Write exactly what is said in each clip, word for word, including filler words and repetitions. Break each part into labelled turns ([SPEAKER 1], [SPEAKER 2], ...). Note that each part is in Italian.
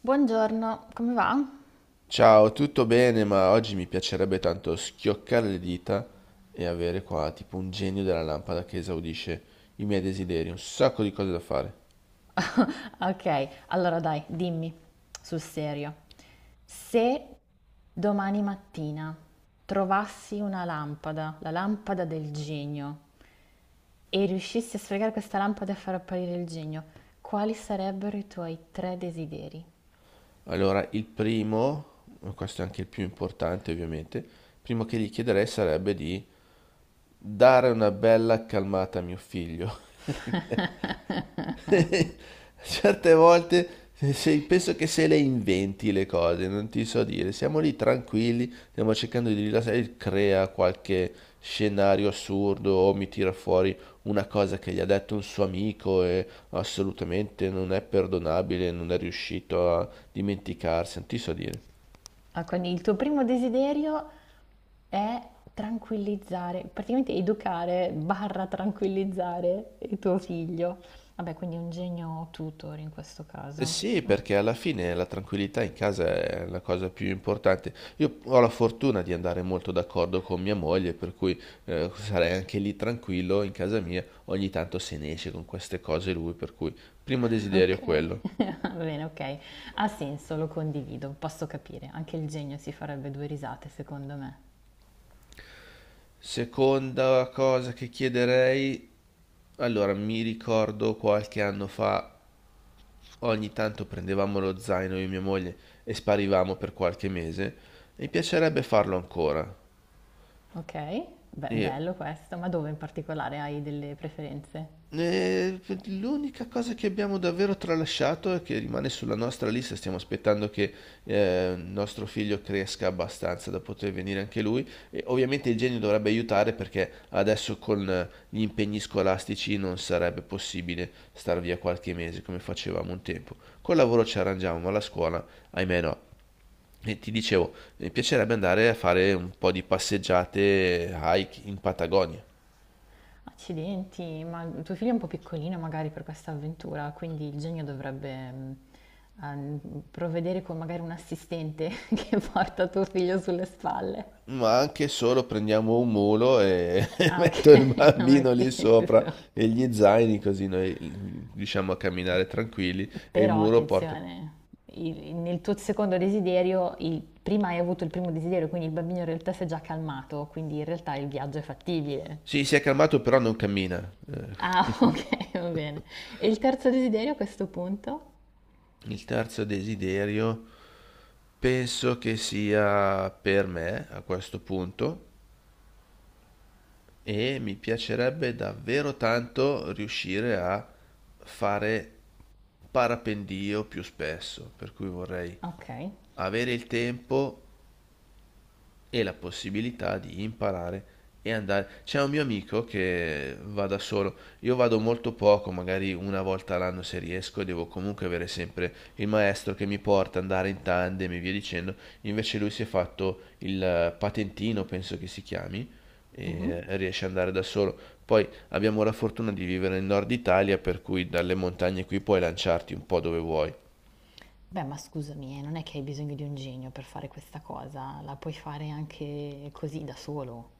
[SPEAKER 1] Buongiorno, come va?
[SPEAKER 2] Ciao, tutto bene, ma oggi mi piacerebbe tanto schioccare le dita e avere qua tipo un genio della lampada che esaudisce i miei desideri, un sacco di cose da fare.
[SPEAKER 1] Ok, allora dai, dimmi sul serio. Se domani mattina trovassi una lampada, la lampada del genio, e riuscissi a sfregare questa lampada e a far apparire il genio, quali sarebbero i tuoi tre desideri?
[SPEAKER 2] Allora, il primo, questo è anche il più importante ovviamente, il primo che gli chiederei sarebbe di dare una bella calmata a mio figlio. Certe volte se- penso che se le inventi le cose, non ti so dire. Siamo lì tranquilli, stiamo cercando di rilassare, e crea qualche scenario assurdo o mi tira fuori una cosa che gli ha detto un suo amico e assolutamente non è perdonabile, non è riuscito a dimenticarsi, non ti so dire.
[SPEAKER 1] Ah, quindi il tuo primo desiderio è tranquillizzare, praticamente educare barra tranquillizzare il tuo figlio. Vabbè, quindi un genio tutor in questo
[SPEAKER 2] Eh
[SPEAKER 1] caso.
[SPEAKER 2] sì, perché alla fine la tranquillità in casa è la cosa più importante. Io ho la fortuna di andare molto d'accordo con mia moglie, per cui eh, sarei anche lì tranquillo in casa mia. Ogni tanto se ne esce con queste cose lui, per cui primo desiderio
[SPEAKER 1] Ok,
[SPEAKER 2] quello.
[SPEAKER 1] va bene, ok. Ha senso, lo condivido, posso capire. Anche il genio si farebbe due risate, secondo me.
[SPEAKER 2] Seconda cosa che chiederei, allora mi ricordo qualche anno fa, ogni tanto prendevamo lo zaino io e mia moglie e sparivamo per qualche mese. Mi piacerebbe farlo ancora.
[SPEAKER 1] Ok, Be-
[SPEAKER 2] E
[SPEAKER 1] bello questo, ma dove in particolare hai delle preferenze?
[SPEAKER 2] Eh, L'unica cosa che abbiamo davvero tralasciato e che rimane sulla nostra lista, stiamo aspettando che eh, il nostro figlio cresca abbastanza da poter venire anche lui. E ovviamente il genio dovrebbe aiutare perché adesso con eh, gli impegni scolastici non sarebbe possibile star via qualche mese come facevamo un tempo. Col lavoro ci arrangiamo, ma la scuola, ahimè no. E ti dicevo, mi piacerebbe andare a fare un po' di passeggiate, hike in Patagonia.
[SPEAKER 1] Accidenti, ma tuo figlio è un po' piccolino magari per questa avventura, quindi il genio dovrebbe mh, a- mh, provvedere con magari un assistente che porta tuo figlio sulle spalle.
[SPEAKER 2] Ma anche solo prendiamo un mulo e
[SPEAKER 1] Ah, ok,
[SPEAKER 2] metto il
[SPEAKER 1] non è
[SPEAKER 2] bambino lì sopra
[SPEAKER 1] teso.
[SPEAKER 2] e gli zaini così noi riusciamo a camminare tranquilli e il
[SPEAKER 1] Però
[SPEAKER 2] muro porta.
[SPEAKER 1] attenzione, il- nel tuo secondo desiderio, il- prima hai avuto il primo desiderio, quindi il bambino in realtà si è già calmato, quindi in realtà il viaggio è fattibile.
[SPEAKER 2] Sì, si è calmato però non cammina. Eh,
[SPEAKER 1] Ah, ok, va bene. E il terzo desiderio a questo punto?
[SPEAKER 2] Il terzo desiderio penso che sia per me a questo punto e mi piacerebbe davvero tanto riuscire a fare parapendio più spesso, per cui vorrei
[SPEAKER 1] Ok.
[SPEAKER 2] avere il tempo e la possibilità di imparare e andare. C'è un mio amico che va da solo, io vado molto poco, magari una volta all'anno se riesco, devo comunque avere sempre il maestro che mi porta, andare in tandem e via dicendo. Invece lui si è fatto il eh, patentino, penso che si chiami,
[SPEAKER 1] Mhm.
[SPEAKER 2] e riesce ad andare da solo. Poi abbiamo la fortuna di vivere nel nord Italia, per cui dalle montagne qui puoi lanciarti un po' dove vuoi.
[SPEAKER 1] Beh, ma scusami, eh, non è che hai bisogno di un genio per fare questa cosa, la puoi fare anche così da solo.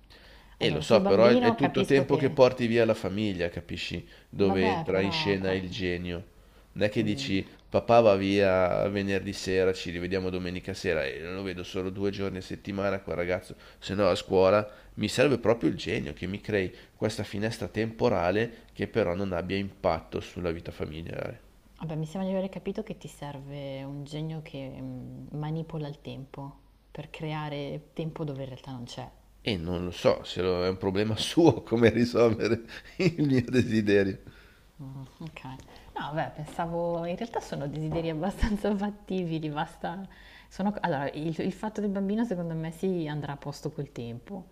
[SPEAKER 2] E lo
[SPEAKER 1] Allora, sul
[SPEAKER 2] so, però è, è
[SPEAKER 1] bambino
[SPEAKER 2] tutto
[SPEAKER 1] capisco
[SPEAKER 2] tempo che
[SPEAKER 1] che.
[SPEAKER 2] porti via la famiglia, capisci? Dove
[SPEAKER 1] Vabbè,
[SPEAKER 2] entra in
[SPEAKER 1] però.
[SPEAKER 2] scena
[SPEAKER 1] qua-
[SPEAKER 2] il genio. Non è che
[SPEAKER 1] mm,
[SPEAKER 2] dici, papà va via venerdì sera, ci rivediamo domenica sera e lo vedo solo due giorni a settimana quel ragazzo, se no a scuola mi serve proprio il genio che mi crei questa finestra temporale che però non abbia impatto sulla vita familiare.
[SPEAKER 1] Vabbè, mi sembra di aver capito che ti serve un genio che mm, manipola il tempo per creare tempo dove in realtà non c'è.
[SPEAKER 2] E non lo so se lo- è un problema suo come risolvere il mio desiderio.
[SPEAKER 1] Mm, ok. No, vabbè, pensavo, in realtà sono desideri abbastanza fattibili, basta. Sono, allora, il, il fatto del bambino secondo me si andrà a posto col tempo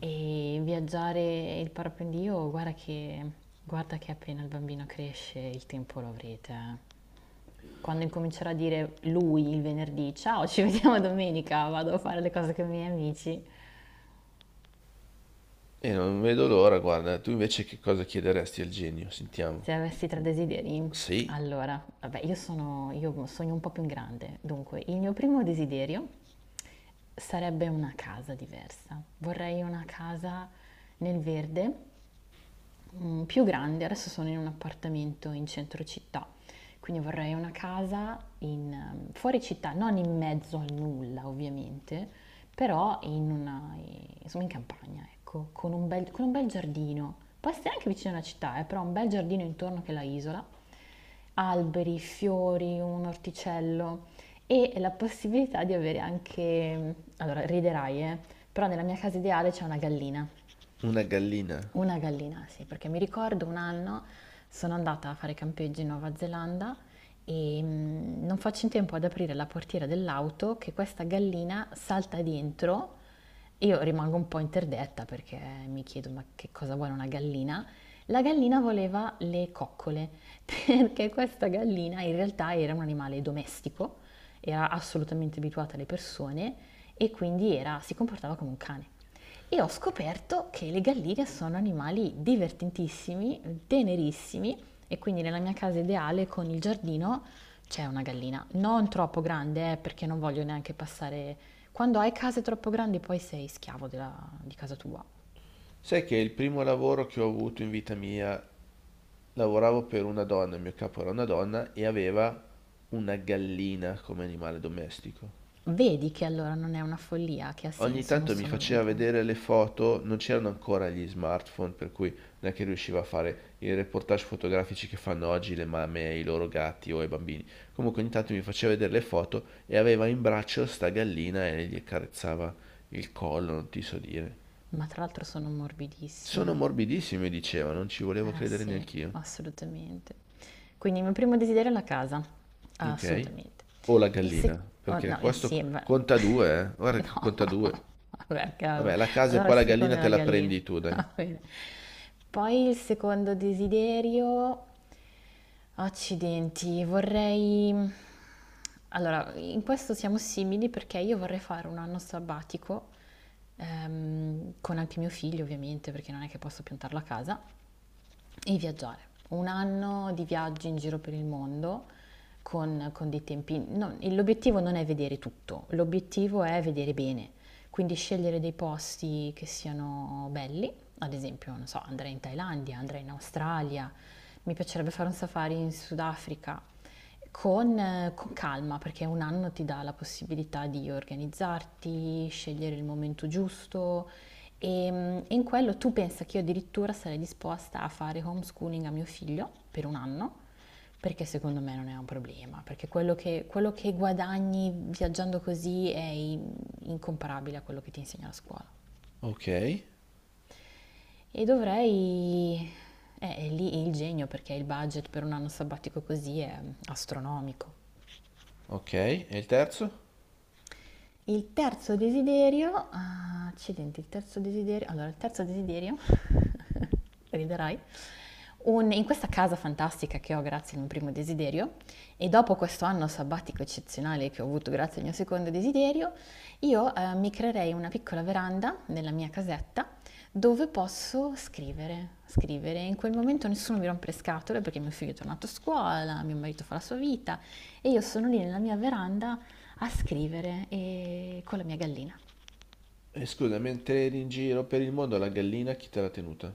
[SPEAKER 1] e viaggiare il parapendio, guarda che, guarda che appena il bambino cresce il tempo lo avrete. Eh. Quando incomincerà a dire lui il venerdì, ciao, ci vediamo domenica, vado a fare le cose con i miei amici.
[SPEAKER 2] E non vedo l'ora, guarda, tu invece che cosa chiederesti al genio? Sentiamo.
[SPEAKER 1] Se avessi tre desideri,
[SPEAKER 2] Sì,
[SPEAKER 1] allora, vabbè, io sono, io sogno un po' più in grande. Dunque, il mio primo desiderio sarebbe una casa diversa. Vorrei una casa nel verde, mm, più grande, adesso sono in un appartamento in centro città, quindi vorrei una casa in, ehm, fuori città, non in mezzo al nulla ovviamente, però in una, eh, insomma in campagna, ecco, con un bel, con un bel giardino. Può essere anche vicino alla città, eh, però un bel giardino intorno che la isola, alberi, fiori, un orticello e la possibilità di avere anche, mm, allora riderai, eh, però nella mia casa ideale c'è una gallina.
[SPEAKER 2] una gallina.
[SPEAKER 1] Una gallina, sì, perché mi ricordo un anno sono andata a fare campeggio in Nuova Zelanda e mm, non faccio in tempo ad aprire la portiera dell'auto che questa gallina salta dentro e io rimango un po' interdetta perché mi chiedo ma che cosa vuole una gallina? La gallina voleva le coccole perché questa gallina in realtà era un animale domestico, era assolutamente abituata alle persone e quindi era- si comportava come un cane. E ho scoperto che le galline sono animali divertentissimi, tenerissimi e quindi nella mia casa ideale con il giardino c'è una gallina. Non troppo grande, eh, perché non voglio neanche passare. Quando hai case troppo grandi poi sei schiavo della- di casa tua.
[SPEAKER 2] Sai che il primo lavoro che ho avuto in vita mia, lavoravo per una donna, il mio capo era una donna e aveva una gallina come animale domestico.
[SPEAKER 1] Vedi che allora non è una follia, che ha
[SPEAKER 2] Ogni
[SPEAKER 1] senso, non
[SPEAKER 2] tanto mi
[SPEAKER 1] sono
[SPEAKER 2] faceva
[SPEAKER 1] l'unica.
[SPEAKER 2] vedere le foto, non c'erano ancora gli smartphone, per cui non è che riusciva a fare i reportage fotografici che fanno oggi le mamme e i loro gatti o i bambini. Comunque ogni tanto mi faceva vedere le foto e aveva in braccio sta gallina e gli accarezzava il collo, non ti so dire.
[SPEAKER 1] Ma tra l'altro sono
[SPEAKER 2] Sono
[SPEAKER 1] morbidissime.
[SPEAKER 2] morbidissime, diceva, non ci volevo
[SPEAKER 1] Eh
[SPEAKER 2] credere
[SPEAKER 1] sì,
[SPEAKER 2] neanch'io.
[SPEAKER 1] assolutamente. Quindi il mio primo desiderio è la casa,
[SPEAKER 2] Ok.
[SPEAKER 1] assolutamente.
[SPEAKER 2] O la
[SPEAKER 1] Il
[SPEAKER 2] gallina,
[SPEAKER 1] secondo,
[SPEAKER 2] perché
[SPEAKER 1] no,
[SPEAKER 2] questo
[SPEAKER 1] insieme.
[SPEAKER 2] conta due, eh. Guarda che
[SPEAKER 1] No,
[SPEAKER 2] conta due.
[SPEAKER 1] vabbè, cavolo.
[SPEAKER 2] Vabbè, la casa e
[SPEAKER 1] Allora il
[SPEAKER 2] poi la
[SPEAKER 1] secondo
[SPEAKER 2] gallina
[SPEAKER 1] è
[SPEAKER 2] te
[SPEAKER 1] la
[SPEAKER 2] la
[SPEAKER 1] gallina.
[SPEAKER 2] prendi tu, dai.
[SPEAKER 1] Va bene. Poi il secondo desiderio, accidenti, vorrei. Allora, in questo siamo simili perché io vorrei fare un anno sabbatico, ehm, con anche mio figlio ovviamente, perché non è che posso piantarlo a casa. E viaggiare. Un anno di viaggi in giro per il mondo con, con dei tempi. Non- il- l'obiettivo non è vedere tutto, l'obiettivo è vedere bene. Quindi scegliere dei posti che siano belli, ad esempio, non so, andrei in Thailandia, andrei in Australia, mi piacerebbe fare un safari in Sudafrica. Con, eh, con calma, perché un anno ti dà la possibilità di organizzarti, scegliere il momento giusto, e, mm, e in quello tu pensa che io addirittura sarei disposta a fare homeschooling a mio figlio per un anno, perché secondo me non è un problema, perché quello che, quello che guadagni viaggiando così è in- incomparabile a quello che ti insegna la scuola.
[SPEAKER 2] Ok.
[SPEAKER 1] E dovrei. Eh, è lì il genio, perché il budget per un anno sabbatico così è astronomico.
[SPEAKER 2] Ok, e il terzo?
[SPEAKER 1] Il terzo desiderio, ah, accidenti, il terzo desiderio, allora il terzo desiderio, riderai, un- in questa casa fantastica che ho grazie al mio primo desiderio e dopo questo anno sabbatico eccezionale che ho avuto grazie al mio secondo desiderio, io eh, mi creerei una piccola veranda nella mia casetta dove posso scrivere, scrivere. In quel momento nessuno mi rompe le scatole perché mio figlio è tornato a scuola, mio marito fa la sua vita e io sono lì nella mia veranda a scrivere e con la mia gallina.
[SPEAKER 2] E scusa, mentre eri in giro per il mondo la gallina chi te l'ha tenuta?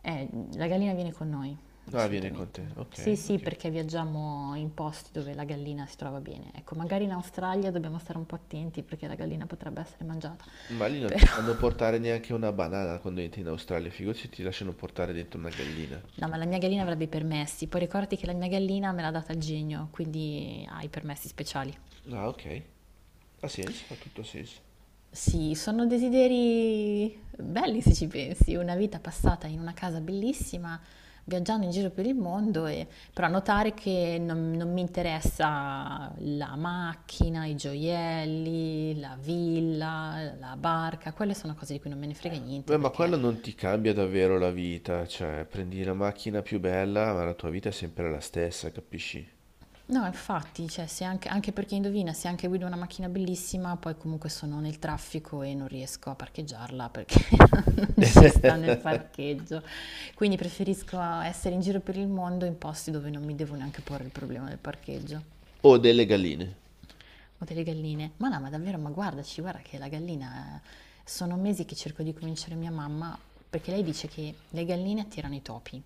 [SPEAKER 1] Eh, la gallina viene con noi,
[SPEAKER 2] Ah, viene con
[SPEAKER 1] assolutamente.
[SPEAKER 2] te. Ok,
[SPEAKER 1] Sì, sì,
[SPEAKER 2] ok.
[SPEAKER 1] perché viaggiamo in posti dove la gallina si trova bene. Ecco, magari in Australia dobbiamo stare un po' attenti perché la gallina potrebbe essere mangiata.
[SPEAKER 2] Ma lì non ti
[SPEAKER 1] Però,
[SPEAKER 2] fanno portare neanche una banana quando entri in Australia, figurati se ti lasciano portare dentro una gallina.
[SPEAKER 1] no, ma la mia gallina avrebbe i permessi. Poi ricordati che la mia gallina me l'ha data il genio, quindi ha i permessi speciali.
[SPEAKER 2] Ah, ok. Ha senso, ha tutto senso.
[SPEAKER 1] Sì, sono desideri belli se ci pensi, una vita passata in una casa bellissima, viaggiando in giro per il mondo, e- però notare che non, non mi interessa la macchina, i gioielli, la villa, la barca, quelle sono cose di cui non me ne frega niente
[SPEAKER 2] Beh, ma
[SPEAKER 1] perché.
[SPEAKER 2] quello non ti cambia davvero la vita, cioè prendi la macchina più bella, ma la tua vita è sempre la stessa, capisci?
[SPEAKER 1] No, infatti, cioè, se anche, anche perché indovina, se anche guido una macchina bellissima, poi comunque sono nel traffico e non riesco a parcheggiarla perché non ci sta nel parcheggio. Quindi preferisco essere in giro per il mondo in posti dove non mi devo neanche porre il problema del parcheggio
[SPEAKER 2] O delle galline.
[SPEAKER 1] o delle galline. Ma no, ma davvero, ma guardaci, guarda che la gallina. Sono mesi che cerco di convincere mia mamma, perché lei dice che le galline attirano i topi.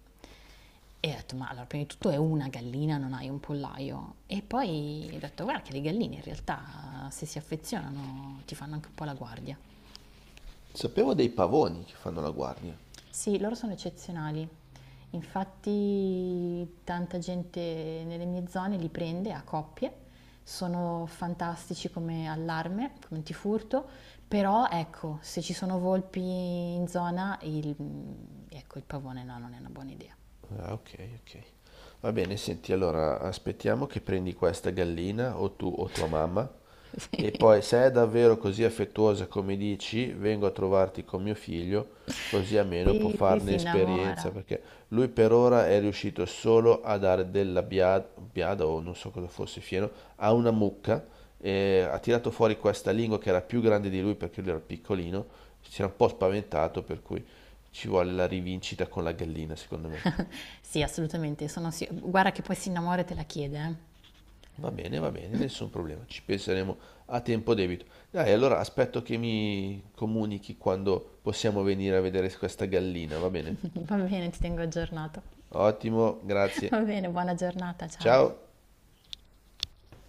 [SPEAKER 1] E ho detto, ma allora, prima di tutto è una gallina, non hai un pollaio. E poi ho detto, guarda che le galline in realtà, se si affezionano, ti fanno anche un po' la guardia.
[SPEAKER 2] Sapevo dei pavoni che fanno la guardia.
[SPEAKER 1] Sì, loro sono eccezionali. Infatti tanta gente nelle mie zone li prende a coppie. Sono fantastici come allarme, come antifurto, però ecco, se ci sono volpi in zona, il, ecco, il pavone no, non è una buona idea.
[SPEAKER 2] Ah, ok, ok. Va bene, senti, allora aspettiamo che prendi questa gallina o tu o tua mamma e poi se è davvero così affettuosa come dici, vengo a trovarti con mio figlio, così almeno può
[SPEAKER 1] Sì, sì, sì,
[SPEAKER 2] farne
[SPEAKER 1] si
[SPEAKER 2] esperienza,
[SPEAKER 1] innamora.
[SPEAKER 2] perché lui per ora è riuscito solo a dare della biada, biada o non so cosa fosse, fieno, a una mucca, e ha tirato fuori questa lingua che era più grande di lui perché lui era piccolino, si era un po' spaventato, per cui ci vuole la rivincita con la gallina, secondo me.
[SPEAKER 1] Sì, assolutamente, sono sì- guarda che poi si innamora e te la chiede,
[SPEAKER 2] Va bene, va bene, nessun problema, ci penseremo a tempo debito. Dai, allora aspetto che mi comunichi quando possiamo venire a vedere questa gallina, va bene?
[SPEAKER 1] eh. Va bene, ti tengo aggiornato.
[SPEAKER 2] Ottimo,
[SPEAKER 1] Va
[SPEAKER 2] grazie.
[SPEAKER 1] bene, buona giornata, ciao.
[SPEAKER 2] Ciao.